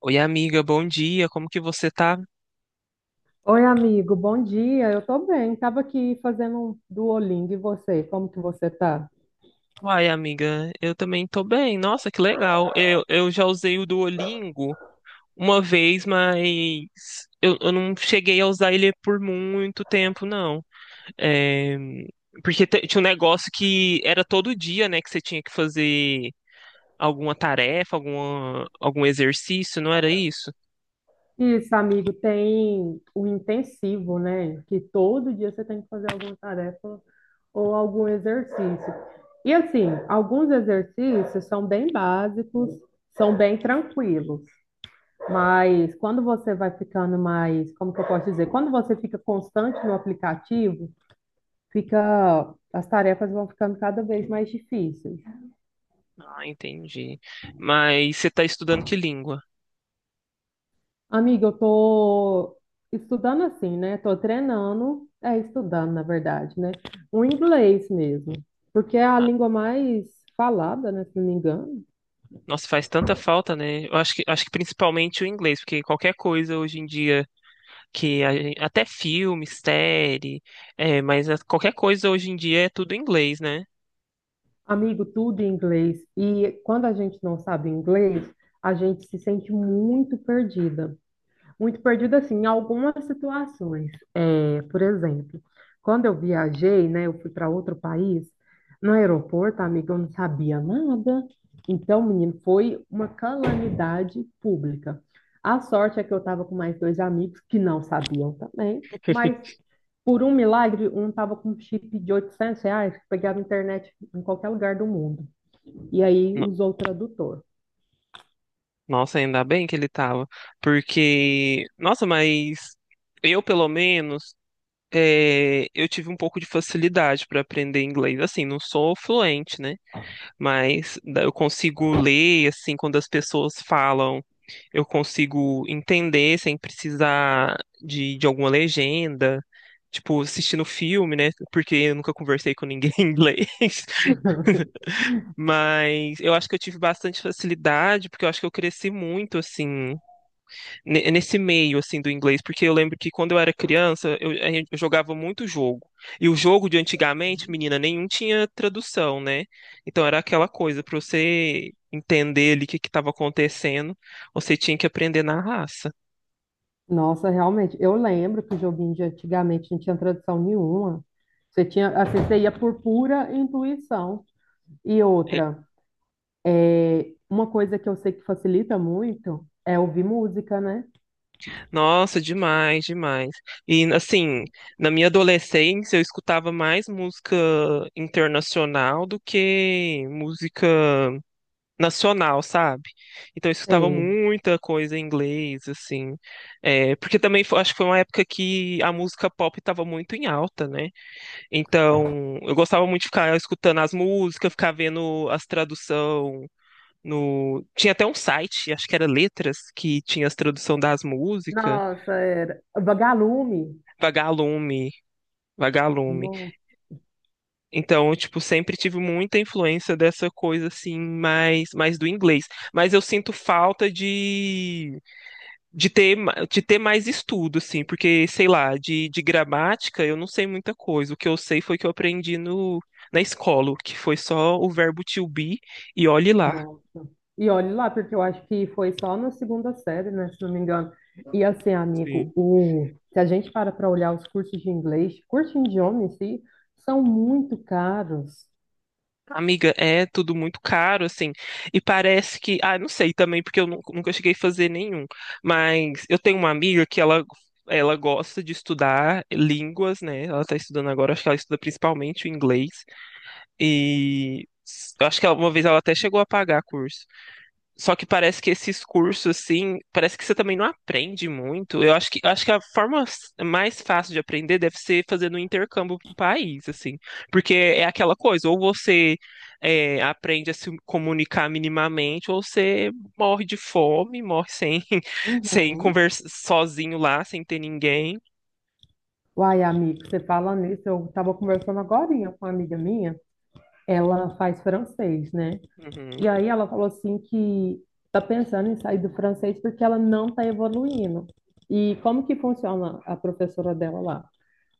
Oi, amiga, bom dia. Como que você tá? Oi, amigo, bom dia. Eu tô bem. Tava aqui fazendo um Duolingo. E você? Como que você tá? Uai, amiga, eu também tô bem. Nossa, que legal. Eu já usei o Duolingo uma vez, mas eu não cheguei a usar ele por muito tempo, não. É, porque tinha um negócio que era todo dia, né, que você tinha que fazer alguma tarefa, algum exercício, não era isso? Isso, amigo, tem o intensivo, né? Que todo dia você tem que fazer alguma tarefa ou algum exercício. E assim, alguns exercícios são bem básicos, são bem tranquilos, mas quando você vai ficando mais, como que eu posso dizer? Quando você fica constante no aplicativo, fica, as tarefas vão ficando cada vez mais difíceis. Ah, entendi. Mas você tá estudando que língua? Amiga, eu tô estudando assim, né? Tô treinando, é estudando, na verdade, né? O inglês mesmo, porque é a língua mais falada, né, se não me engano. Nossa, faz tanta falta, né? Acho que principalmente o inglês, porque qualquer coisa hoje em dia que até filme, série, qualquer coisa hoje em dia é tudo em inglês, né? Amigo, tudo em inglês. E quando a gente não sabe inglês, a gente se sente muito perdida. Muito perdida, assim, em algumas situações. É, por exemplo, quando eu viajei, né, eu fui para outro país, no aeroporto, amigo, eu não sabia nada. Então, menino, foi uma calamidade pública. A sorte é que eu estava com mais dois amigos que não sabiam também, mas por um milagre, um estava com um chip de R$ 800 que pegava internet em qualquer lugar do mundo. E aí No- usou o tradutor. Nossa, ainda bem que ele tava, porque, nossa, mas eu pelo menos eu tive um pouco de facilidade para aprender inglês. Assim, não sou fluente, né? Mas eu consigo ler, assim, quando as pessoas falam, eu consigo entender sem precisar de alguma legenda. Tipo, assistindo filme, né? Porque eu nunca conversei com ninguém em inglês. Mas eu acho que eu tive bastante facilidade, porque eu acho que eu cresci muito, assim, nesse meio assim do inglês, porque eu lembro que quando eu era criança, eu jogava muito jogo. E o jogo de antigamente, menina, nenhum tinha tradução, né? Então era aquela coisa, para você entender ali o que que estava acontecendo, você tinha que aprender na raça. Nossa, realmente. Eu lembro que o joguinho de antigamente não tinha tradução nenhuma. Você tinha, assim, você ia por pura intuição. E outra, uma coisa que eu sei que facilita muito é ouvir música, né? Nossa, demais, demais. E assim, na minha adolescência eu escutava mais música internacional do que música nacional, sabe? Então eu escutava Sei. muita coisa em inglês, assim. É, porque também acho que foi uma época que a música pop estava muito em alta, né? Então eu gostava muito de ficar escutando as músicas, ficar vendo as traduções. No... Tinha até um site, acho que era Letras, que tinha as tradução das músicas. Nossa, era. Vagalume. Vagalume, Vagalume. Nossa. Então, eu, tipo, sempre tive muita influência dessa coisa, assim, mais do inglês. Mas eu sinto falta de de ter mais estudo, assim, porque, sei lá, de gramática eu não sei muita coisa. O que eu sei foi que eu aprendi no, na escola, que foi só o verbo to be e olhe lá. Nossa. E olhe lá, porque eu acho que foi só na segunda série, né, se não me engano. E assim, Sim. amigo, o... se a gente para para olhar os cursos de inglês, cursos de idioma em si, são muito caros. Amiga, é tudo muito caro, assim, e parece que, ah, não sei também, porque eu nunca cheguei a fazer nenhum, mas eu tenho uma amiga que ela gosta de estudar línguas, né? Ela tá estudando agora, acho que ela estuda principalmente o inglês, e eu acho que uma vez ela até chegou a pagar curso. Só que parece que esses cursos, assim, parece que você também não aprende muito. Acho que a forma mais fácil de aprender deve ser fazendo um intercâmbio para o país, assim. Porque é aquela coisa, ou você aprende a se comunicar minimamente, ou você morre de fome, morre sem, sem Uhum. conversar sozinho lá, sem ter ninguém. Uai, amigo, você fala nisso, eu estava conversando agora com uma amiga minha, ela faz francês, né? E Uhum, aí ela falou assim que tá pensando em sair do francês porque ela não tá evoluindo. E como que funciona a professora dela lá?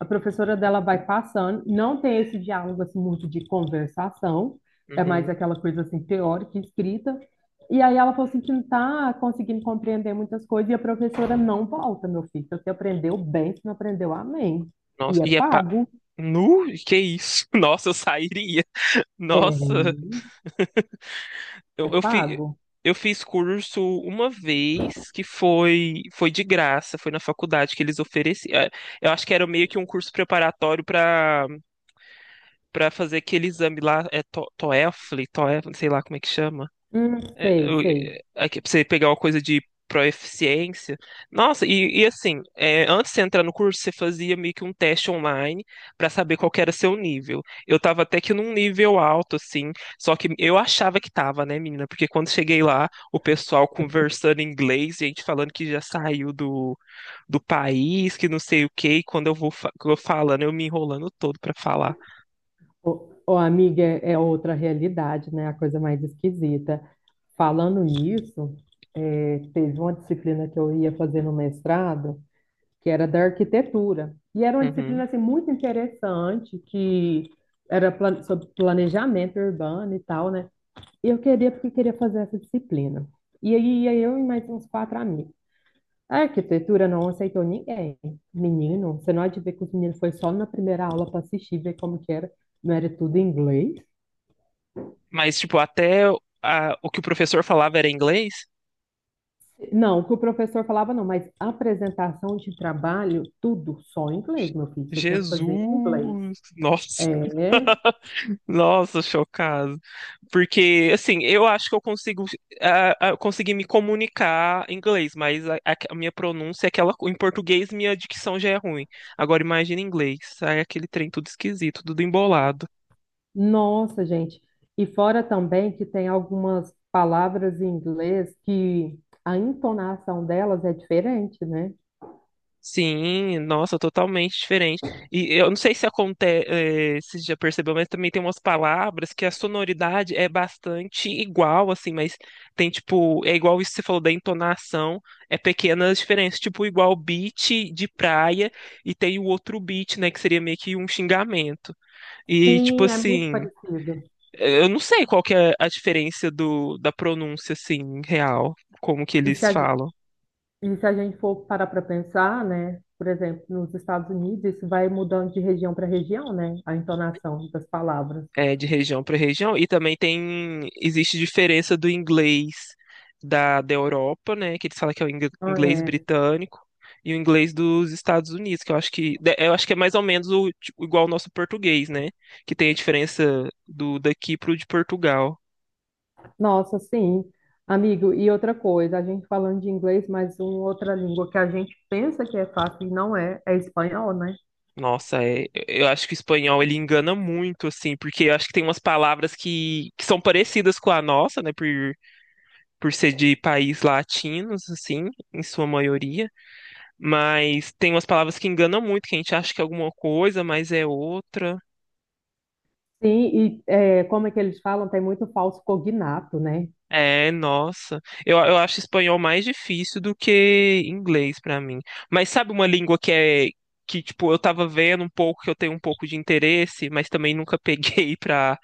A professora dela vai passando, não tem esse diálogo assim muito de conversação, é mais uhum. aquela coisa assim teórica, escrita. E aí ela falou assim que não tá conseguindo compreender muitas coisas e a professora não volta, meu filho. Se você aprendeu bem, se não aprendeu, amém. Nossa, E é e é. pago? Nu? Que isso? Nossa, eu sairia. É, Nossa. é Eu, eu, fi, pago? eu fiz curso uma vez que foi de graça, foi na faculdade que eles ofereciam. É, eu acho que era meio que um curso preparatório para fazer aquele exame lá, TOEFL, TOEFL, não sei lá como é que chama. É, Sei, sei. é, aqui, pra você pegar uma coisa de proeficiência. Nossa, e assim, é, antes de você entrar no curso, você fazia meio que um teste online pra saber qual que era seu nível. Eu tava até que num nível alto, assim, só que eu achava que tava, né, menina? Porque quando cheguei lá, o pessoal conversando em inglês, gente falando que já saiu do país, que não sei o quê, e quando eu vou eu falando, eu me enrolando todo pra falar. Ô, ô, amiga, é é outra realidade, né? A coisa mais esquisita. Falando nisso, teve uma disciplina que eu ia fazer no mestrado, que era da arquitetura. E era uma Uhum. disciplina assim, muito interessante, que era sobre planejamento urbano e tal, né? E eu queria, porque queria fazer essa disciplina. E aí ia eu e mais uns quatro amigos. A arquitetura não aceitou ninguém. Menino, você não há de ver que os meninos foi só na primeira aula para assistir, ver como que era. Não era tudo em inglês. Mas, tipo, até o que o professor falava era inglês. Não, o que o professor falava não, mas apresentação de trabalho, tudo só em inglês, meu filho. Você tinha que Jesus! fazer em inglês. Nossa, É, nossa, chocado. Porque, assim, eu acho que eu consigo conseguir me comunicar em inglês, mas a minha pronúncia é aquela. Em português, minha dicção já é ruim. Agora, imagina em inglês. Sai aquele trem tudo esquisito, tudo embolado. nossa, gente. E fora também que tem algumas palavras em inglês que a entonação delas é diferente, né? Sim, nossa, totalmente diferente. E eu não sei se acontece, se já percebeu, mas também tem umas palavras que a sonoridade é bastante igual, assim, mas tem tipo, é igual isso que você falou da entonação, é pequenas diferenças, tipo, igual beat de praia e tem o outro beat, né, que seria meio que um xingamento. E tipo Sim, é muito assim, parecido. eu não sei qual que é a diferença da pronúncia, assim, real, como que E se eles falam. e se a gente for parar para pensar, né? Por exemplo, nos Estados Unidos, isso vai mudando de região para região, né? A entonação das palavras. É, de região para região, e também tem existe diferença do inglês da Europa, né, que eles falam que é o inglês britânico, e o inglês dos Estados Unidos, que eu acho que eu acho que é mais ou menos o, tipo, igual ao nosso português, né, que tem a diferença do daqui pro de Portugal. Nossa, sim, amigo. E outra coisa, a gente falando de inglês, mas uma outra língua que a gente pensa que é fácil e não é, é espanhol, né? Nossa, eu acho que o espanhol ele engana muito, assim, porque eu acho que tem umas palavras que são parecidas com a nossa, né, por ser de país latinos, assim, em sua maioria. Mas tem umas palavras que enganam muito, que a gente acha que é alguma coisa, mas é outra. Sim, e é, como é que eles falam? Tem muito falso cognato, né? É, nossa. Eu acho espanhol mais difícil do que inglês pra mim. Mas sabe uma língua que tipo eu tava vendo um pouco, que eu tenho um pouco de interesse, mas também nunca peguei pra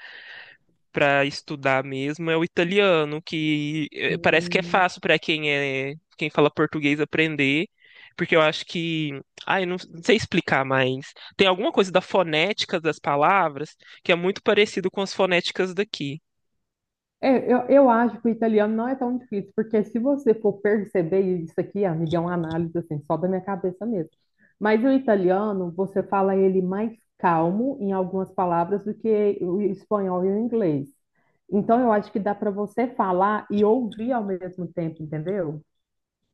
para estudar mesmo é o italiano, que parece que é Hum. fácil para quem quem fala português aprender, porque eu acho que, ai, não, não sei explicar, mas tem alguma coisa da fonética das palavras que é muito parecido com as fonéticas daqui. É, eu acho que o italiano não é tão difícil, porque se você for perceber e isso aqui, amiga, é uma análise assim, só da minha cabeça mesmo. Mas o italiano, você fala ele mais calmo em algumas palavras do que o espanhol e o inglês. Então, eu acho que dá para você falar e ouvir ao mesmo tempo, entendeu?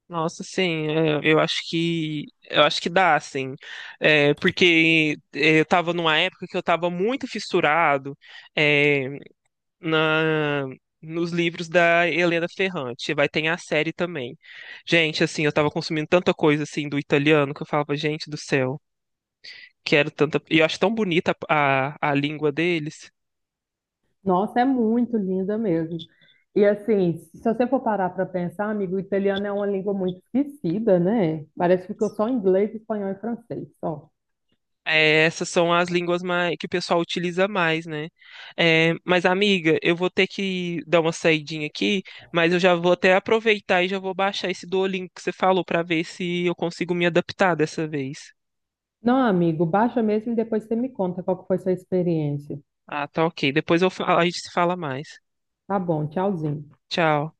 Nossa, sim, é, eu acho que dá, sim. Eu estava numa época que eu estava muito fissurado, é, na nos livros da Helena Ferrante. Vai ter a série também. Gente, assim, eu tava consumindo tanta coisa assim do italiano que eu falava, gente do céu, quero tanta. E eu acho tão bonita a língua deles. Nossa, é muito linda mesmo. E assim, se você for parar para pensar, amigo, o italiano é uma língua muito esquecida, né? Parece que ficou só inglês, espanhol e francês, só. É, essas são as línguas mais, que o pessoal utiliza mais, né? É, mas, amiga, eu vou ter que dar uma saidinha aqui, mas eu já vou até aproveitar e já vou baixar esse Duolingo que você falou pra ver se eu consigo me adaptar dessa vez. Não, amigo, baixa mesmo e depois você me conta qual que foi sua experiência. Ah, tá ok. Depois eu a gente se fala mais. Tá bom, tchauzinho. Tchau.